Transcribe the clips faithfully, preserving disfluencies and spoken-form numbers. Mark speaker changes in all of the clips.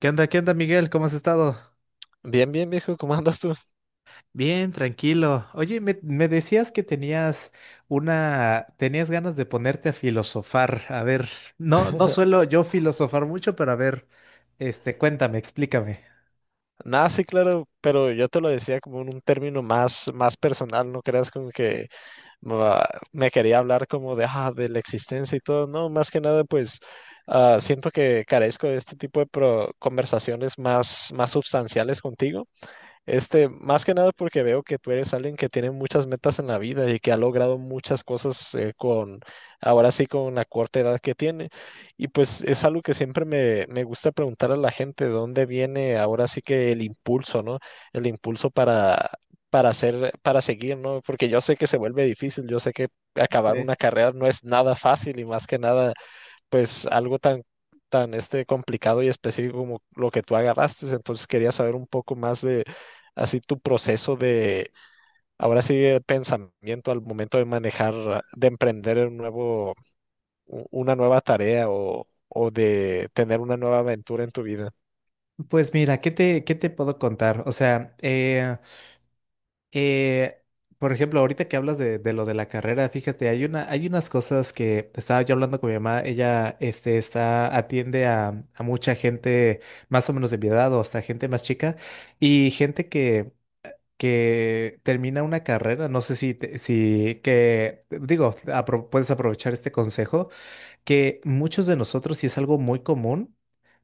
Speaker 1: ¿Qué onda? ¿Qué onda, Miguel? ¿Cómo has estado?
Speaker 2: Bien, bien, viejo, ¿cómo andas tú?
Speaker 1: Bien, tranquilo. Oye, me, me decías que tenías una, tenías ganas de ponerte a filosofar. A ver, no, no suelo yo filosofar mucho, pero a ver, este, cuéntame, explícame.
Speaker 2: Nada, sí, claro, pero yo te lo decía como en un término más, más personal, no creas como que ah, me quería hablar como de, ah, de la existencia y todo, no, más que nada, pues ah, siento que carezco de este tipo de pro- conversaciones más, más substanciales contigo. Este, más que nada porque veo que tú eres alguien que tiene muchas metas en la vida y que ha logrado muchas cosas eh, con, ahora sí, con la corta edad que tiene. Y pues es algo que siempre me, me gusta preguntar a la gente, ¿de dónde viene ahora sí que el impulso, ¿no? El impulso para, para hacer, para seguir, ¿no? Porque yo sé que se vuelve difícil, yo sé que acabar
Speaker 1: Ok.
Speaker 2: una carrera no es nada fácil y más que nada pues algo tan, tan este complicado y específico como lo que tú agarraste. Entonces quería saber un poco más de así tu proceso de, ahora sí, de pensamiento al momento de manejar, de emprender un nuevo, u- una nueva tarea o, o de tener una nueva aventura en tu vida.
Speaker 1: Pues mira, ¿qué te, qué te puedo contar? O sea, eh, Eh, por ejemplo, ahorita que hablas de, de lo de la carrera, fíjate, hay una, hay unas cosas que estaba yo hablando con mi mamá, ella este, está, atiende a, a mucha gente más o menos de mi edad o hasta gente más chica y gente que, que termina una carrera, no sé si, te- si que, digo, apro- puedes aprovechar este consejo que muchos de nosotros, y es algo muy común,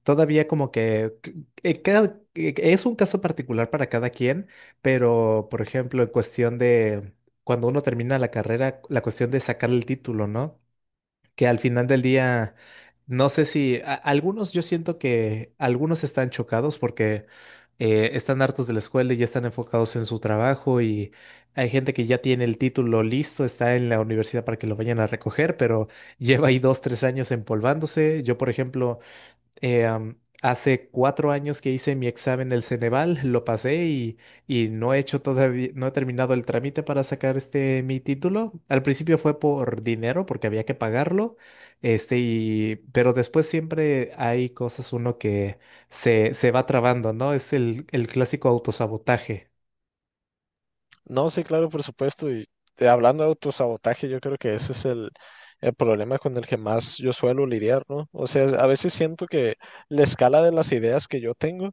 Speaker 1: todavía como que c- eh, cada- eh, es un caso particular para cada quien, pero por ejemplo, en cuestión de cuando uno termina la carrera, la cuestión de sacar el título, ¿no? Que al final del día, no sé si a- algunos, yo siento que algunos están chocados porque eh, están hartos de la escuela y ya están enfocados en su trabajo, y hay gente que ya tiene el título listo, está en la universidad para que lo vayan a recoger, pero lleva ahí dos, tres años empolvándose. Yo, por ejemplo, eh, am, hace cuatro años que hice mi examen del Ceneval, lo pasé y, y no he hecho todavía, no he terminado el trámite para sacar este mi título. Al principio fue por dinero, porque había que pagarlo, este, y, pero después siempre hay cosas uno que se, se va trabando, ¿no? Es el, el clásico autosabotaje.
Speaker 2: No, sí, claro, por supuesto. Y eh, hablando de autosabotaje, yo creo que ese es el... el problema con el que más yo suelo lidiar, ¿no? O sea, a veces siento que la escala de las ideas que yo tengo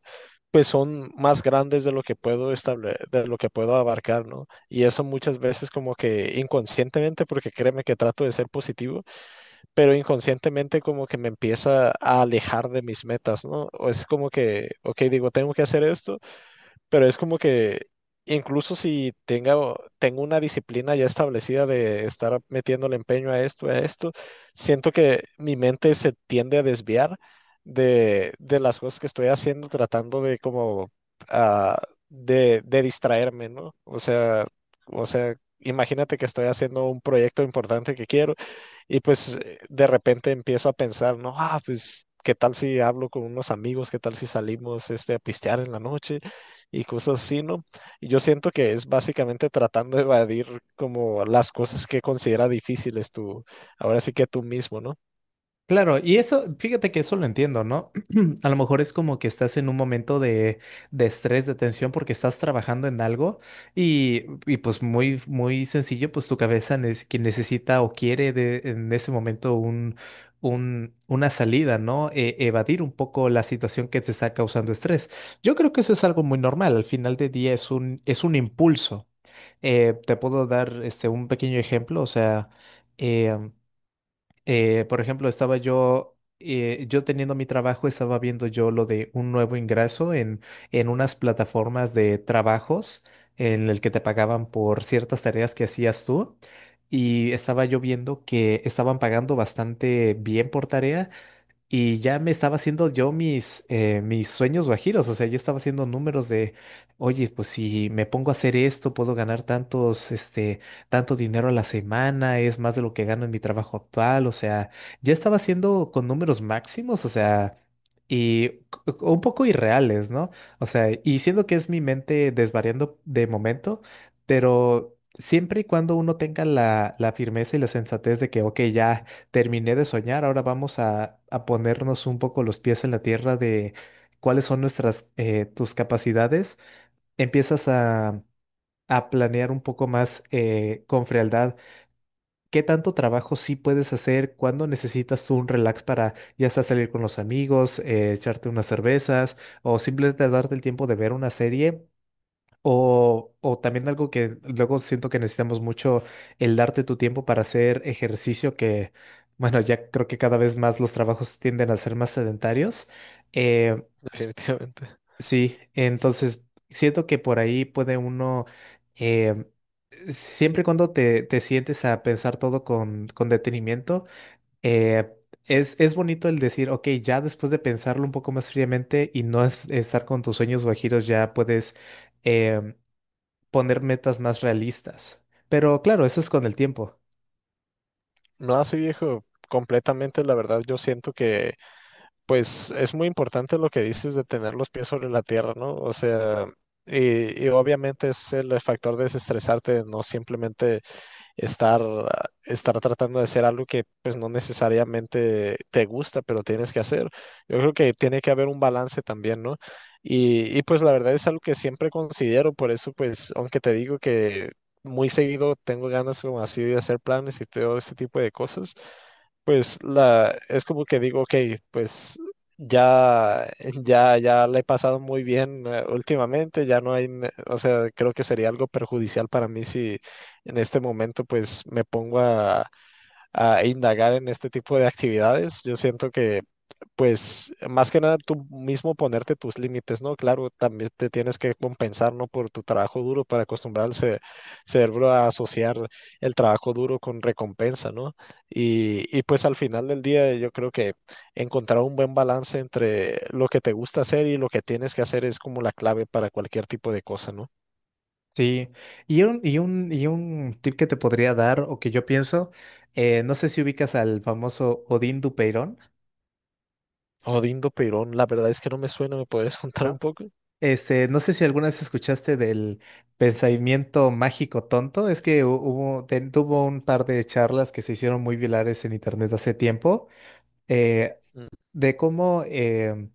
Speaker 2: pues son más grandes de lo que puedo estable- de lo que puedo abarcar, ¿no? Y eso muchas veces como que inconscientemente, porque créeme que trato de ser positivo, pero inconscientemente como que me empieza a alejar de mis metas, ¿no? O es como que, ok, digo, tengo que hacer esto, pero es como que incluso si tenga, o- tengo una disciplina ya establecida de estar metiéndole empeño a esto, a esto, siento que mi mente se tiende a desviar de, de las cosas que estoy haciendo, tratando de como ah, de, de distraerme, ¿no? O sea, o sea, imagínate que estoy haciendo un proyecto importante que quiero y pues eh, de repente empiezo a pensar, no, ah, pues qué tal si hablo con unos amigos, qué tal si salimos este, a pistear en la noche y cosas así, ¿no? Y yo siento que es básicamente tratando de evadir como las cosas que considera difíciles tú, ahora sí que tú mismo, ¿no?
Speaker 1: Claro, y eso, fíjate que eso lo entiendo, ¿no? A lo mejor es como que estás en un momento de, de estrés, de tensión, porque estás trabajando en algo y, y pues muy, muy sencillo, pues tu cabeza nece- que necesita o quiere de, en ese momento un, un, una salida, ¿no? E- evadir un poco la situación que te está causando estrés. Yo creo que eso es algo muy normal, al final del día es un, es un impulso. Eh, te puedo dar este, un pequeño ejemplo, o sea, em, eh, por ejemplo, estaba yo, eh, yo teniendo mi trabajo, estaba viendo yo lo de un nuevo ingreso en, en unas plataformas de trabajos en el que te pagaban por ciertas tareas que hacías tú. Y estaba yo viendo que estaban pagando bastante bien por tarea, y ya me estaba haciendo yo mis, eh, mis sueños guajiros, o sea, yo estaba haciendo números de, oye, pues si me pongo a hacer esto, puedo ganar tantos, este, tanto dinero a la semana, es más de lo que gano en mi trabajo actual, o sea, ya estaba haciendo con números máximos, o sea, y c- c- un poco irreales, ¿no? O sea, y siendo que es mi mente desvariando de momento, pero siempre y cuando uno tenga la, la firmeza y la sensatez de que, ok, ya terminé de soñar, ahora vamos a, a ponernos un poco los pies en la tierra de cuáles son nuestras, eh, tus capacidades. Empiezas a, a planear un poco más eh, con frialdad qué tanto trabajo sí puedes hacer, cuándo necesitas tú un relax para ya sea salir con los amigos, eh, echarte unas cervezas o simplemente darte el tiempo de ver una serie o, o también algo que luego siento que necesitamos mucho, el darte tu tiempo para hacer ejercicio, que bueno, ya creo que cada vez más los trabajos tienden a ser más sedentarios. Eh,
Speaker 2: Definitivamente.
Speaker 1: sí, entonces siento que por ahí puede uno, eh, siempre y cuando te, te sientes a pensar todo con, con detenimiento, eh, es, es bonito el decir, ok, ya después de pensarlo un poco más fríamente y no es- estar con tus sueños guajiros, ya puedes em, poner metas más realistas. Pero claro, eso es con el tiempo.
Speaker 2: No así, viejo, completamente, la verdad, yo siento que pues es muy importante lo que dices de tener los pies sobre la tierra, ¿no? O sea, Y, y obviamente es el factor de desestresarte, no simplemente estar, estar tratando de hacer algo que pues no necesariamente te gusta, pero tienes que hacer. Yo creo que tiene que haber un balance también, ¿no? Y, y pues la verdad es algo que siempre considero, por eso pues aunque te digo que muy seguido tengo ganas como así de hacer planes y todo ese tipo de cosas, pues la, es como que digo, ok, pues ya, ya, ya le he pasado muy bien eh, últimamente, ya no hay, ne- o sea, creo que sería algo perjudicial para mí si, en este momento pues me pongo a, a indagar en este tipo de actividades. Yo siento que pues más que nada tú mismo ponerte tus límites, ¿no? Claro, también te tienes que compensar, ¿no? Por tu trabajo duro para acostumbrar al ce- cerebro a asociar el trabajo duro con recompensa, ¿no? Y, y pues al final del día yo creo que encontrar un buen balance entre lo que te gusta hacer y lo que tienes que hacer es como la clave para cualquier tipo de cosa, ¿no?
Speaker 1: Sí. Y un, y un, y un tip que te podría dar o que yo pienso, eh, no sé si ubicas al famoso Odín Dupeirón,
Speaker 2: Odindo Perón, la verdad es que no me suena, ¿me podrías contar un
Speaker 1: ¿no?
Speaker 2: poco?
Speaker 1: Este, no sé si alguna vez escuchaste del pensamiento mágico tonto. Es que hu- hubo, te- tuvo un par de charlas que se hicieron muy virales en internet hace tiempo. eh,
Speaker 2: Mm.
Speaker 1: de cómo em,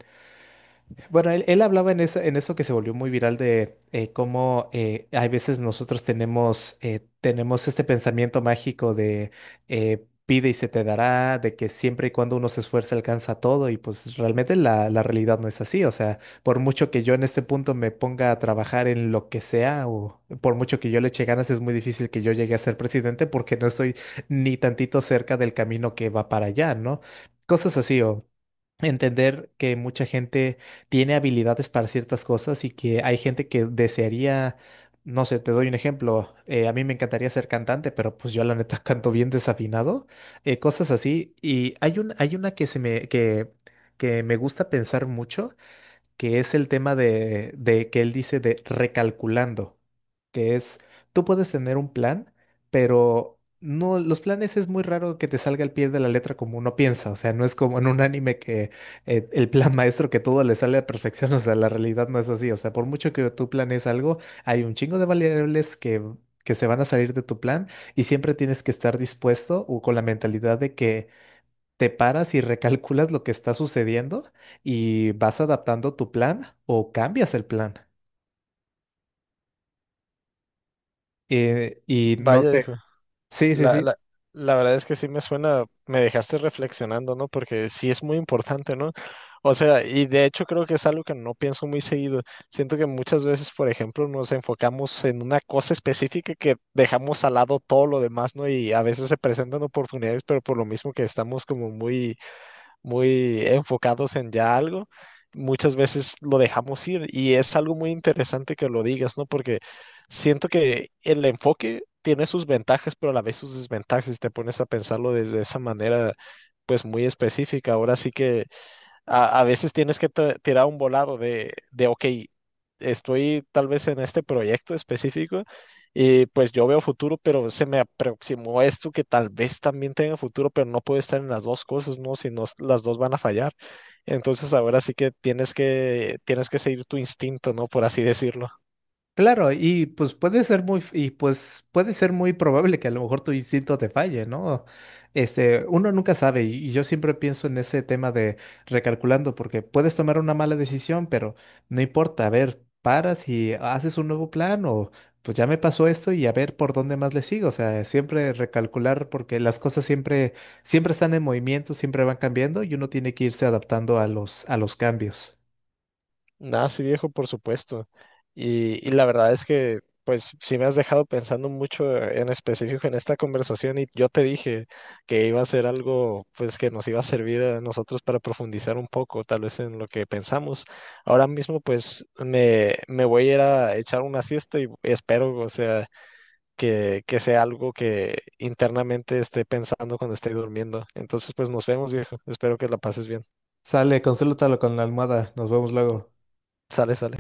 Speaker 1: Bueno, él, él hablaba en, esa- en eso que se volvió muy viral de eh, cómo eh, hay veces nosotros tenemos, eh, tenemos este pensamiento mágico de eh, pide y se te dará, de que siempre y cuando uno se esfuerza alcanza todo, y pues realmente la, la realidad no es así. O sea, por mucho que yo en este punto me ponga a trabajar en lo que sea o por mucho que yo le eche ganas, es muy difícil que yo llegue a ser presidente porque no estoy ni tantito cerca del camino que va para allá, ¿no? Cosas así, o entender que mucha gente tiene habilidades para ciertas cosas y que hay gente que desearía, no sé, te doy un ejemplo, eh, a mí me encantaría ser cantante, pero pues yo la neta canto bien desafinado, eh, cosas así. Y hay un, hay una que se me, que, que me gusta pensar mucho, que es el tema de, de que él dice de recalculando, que es, tú puedes tener un plan, pero no, los planes es muy raro que te salga al pie de la letra como uno piensa, o sea, no es como en un anime que eh, el plan maestro que todo le sale a perfección, o sea, la realidad no es así, o sea, por mucho que tú planees algo, hay un chingo de variables que... que se van a salir de tu plan, y siempre tienes que estar dispuesto o con la mentalidad de que te paras y recalculas lo que está sucediendo y vas adaptando tu plan o cambias el plan. Eh, y no
Speaker 2: Vaya,
Speaker 1: sé,
Speaker 2: dijo.
Speaker 1: sí, sí,
Speaker 2: La,
Speaker 1: sí.
Speaker 2: la, la verdad es que sí me suena, me dejaste reflexionando, ¿no? Porque sí es muy importante, ¿no? O sea, y de hecho creo que es algo que no pienso muy seguido. Siento que muchas veces, por ejemplo, nos enfocamos en una cosa específica que dejamos al lado todo lo demás, ¿no? Y a veces se presentan oportunidades, pero por lo mismo que estamos como muy muy enfocados en ya algo, muchas veces lo dejamos ir y es algo muy interesante que lo digas, ¿no? Porque siento que el enfoque tiene sus ventajas, pero a la vez sus desventajas, si te pones a pensarlo desde esa manera, pues muy específica. Ahora sí que a, a veces tienes que tra- tirar un volado de, de, ok, estoy tal vez en este proyecto específico y pues yo veo futuro, pero se me aproximó esto que tal vez también tenga futuro, pero no puedo estar en las dos cosas, ¿no? Si no, las dos van a fallar. Entonces ahora sí que tienes que, tienes que seguir tu instinto, ¿no? Por así decirlo.
Speaker 1: Claro, y pues puede ser muy, y pues puede ser muy probable que a lo mejor tu instinto te falle, ¿no? Este, uno nunca sabe, y y yo siempre pienso en ese tema de recalculando, porque puedes tomar una mala decisión, pero no importa, a ver, paras y haces un nuevo plan, o pues ya me pasó esto y a ver por dónde más le sigo. O sea, siempre recalcular, porque las cosas siempre, siempre están en movimiento, siempre van cambiando, y uno tiene que irse adaptando a los, a los cambios.
Speaker 2: Nada, sí, viejo, por supuesto. Y, y la verdad es que, pues, sí me has dejado pensando mucho en específico en esta conversación y yo te dije que iba a ser algo, pues, que nos iba a servir a nosotros para profundizar un poco, tal vez en lo que pensamos. Ahora mismo, pues, me, me voy a ir a echar una siesta y espero, o sea, que, que sea algo que internamente esté pensando cuando esté durmiendo. Entonces, pues, nos vemos, viejo. Espero que la pases bien.
Speaker 1: Sale, consúltalo con la almohada, nos vemos luego.
Speaker 2: Sale, sale.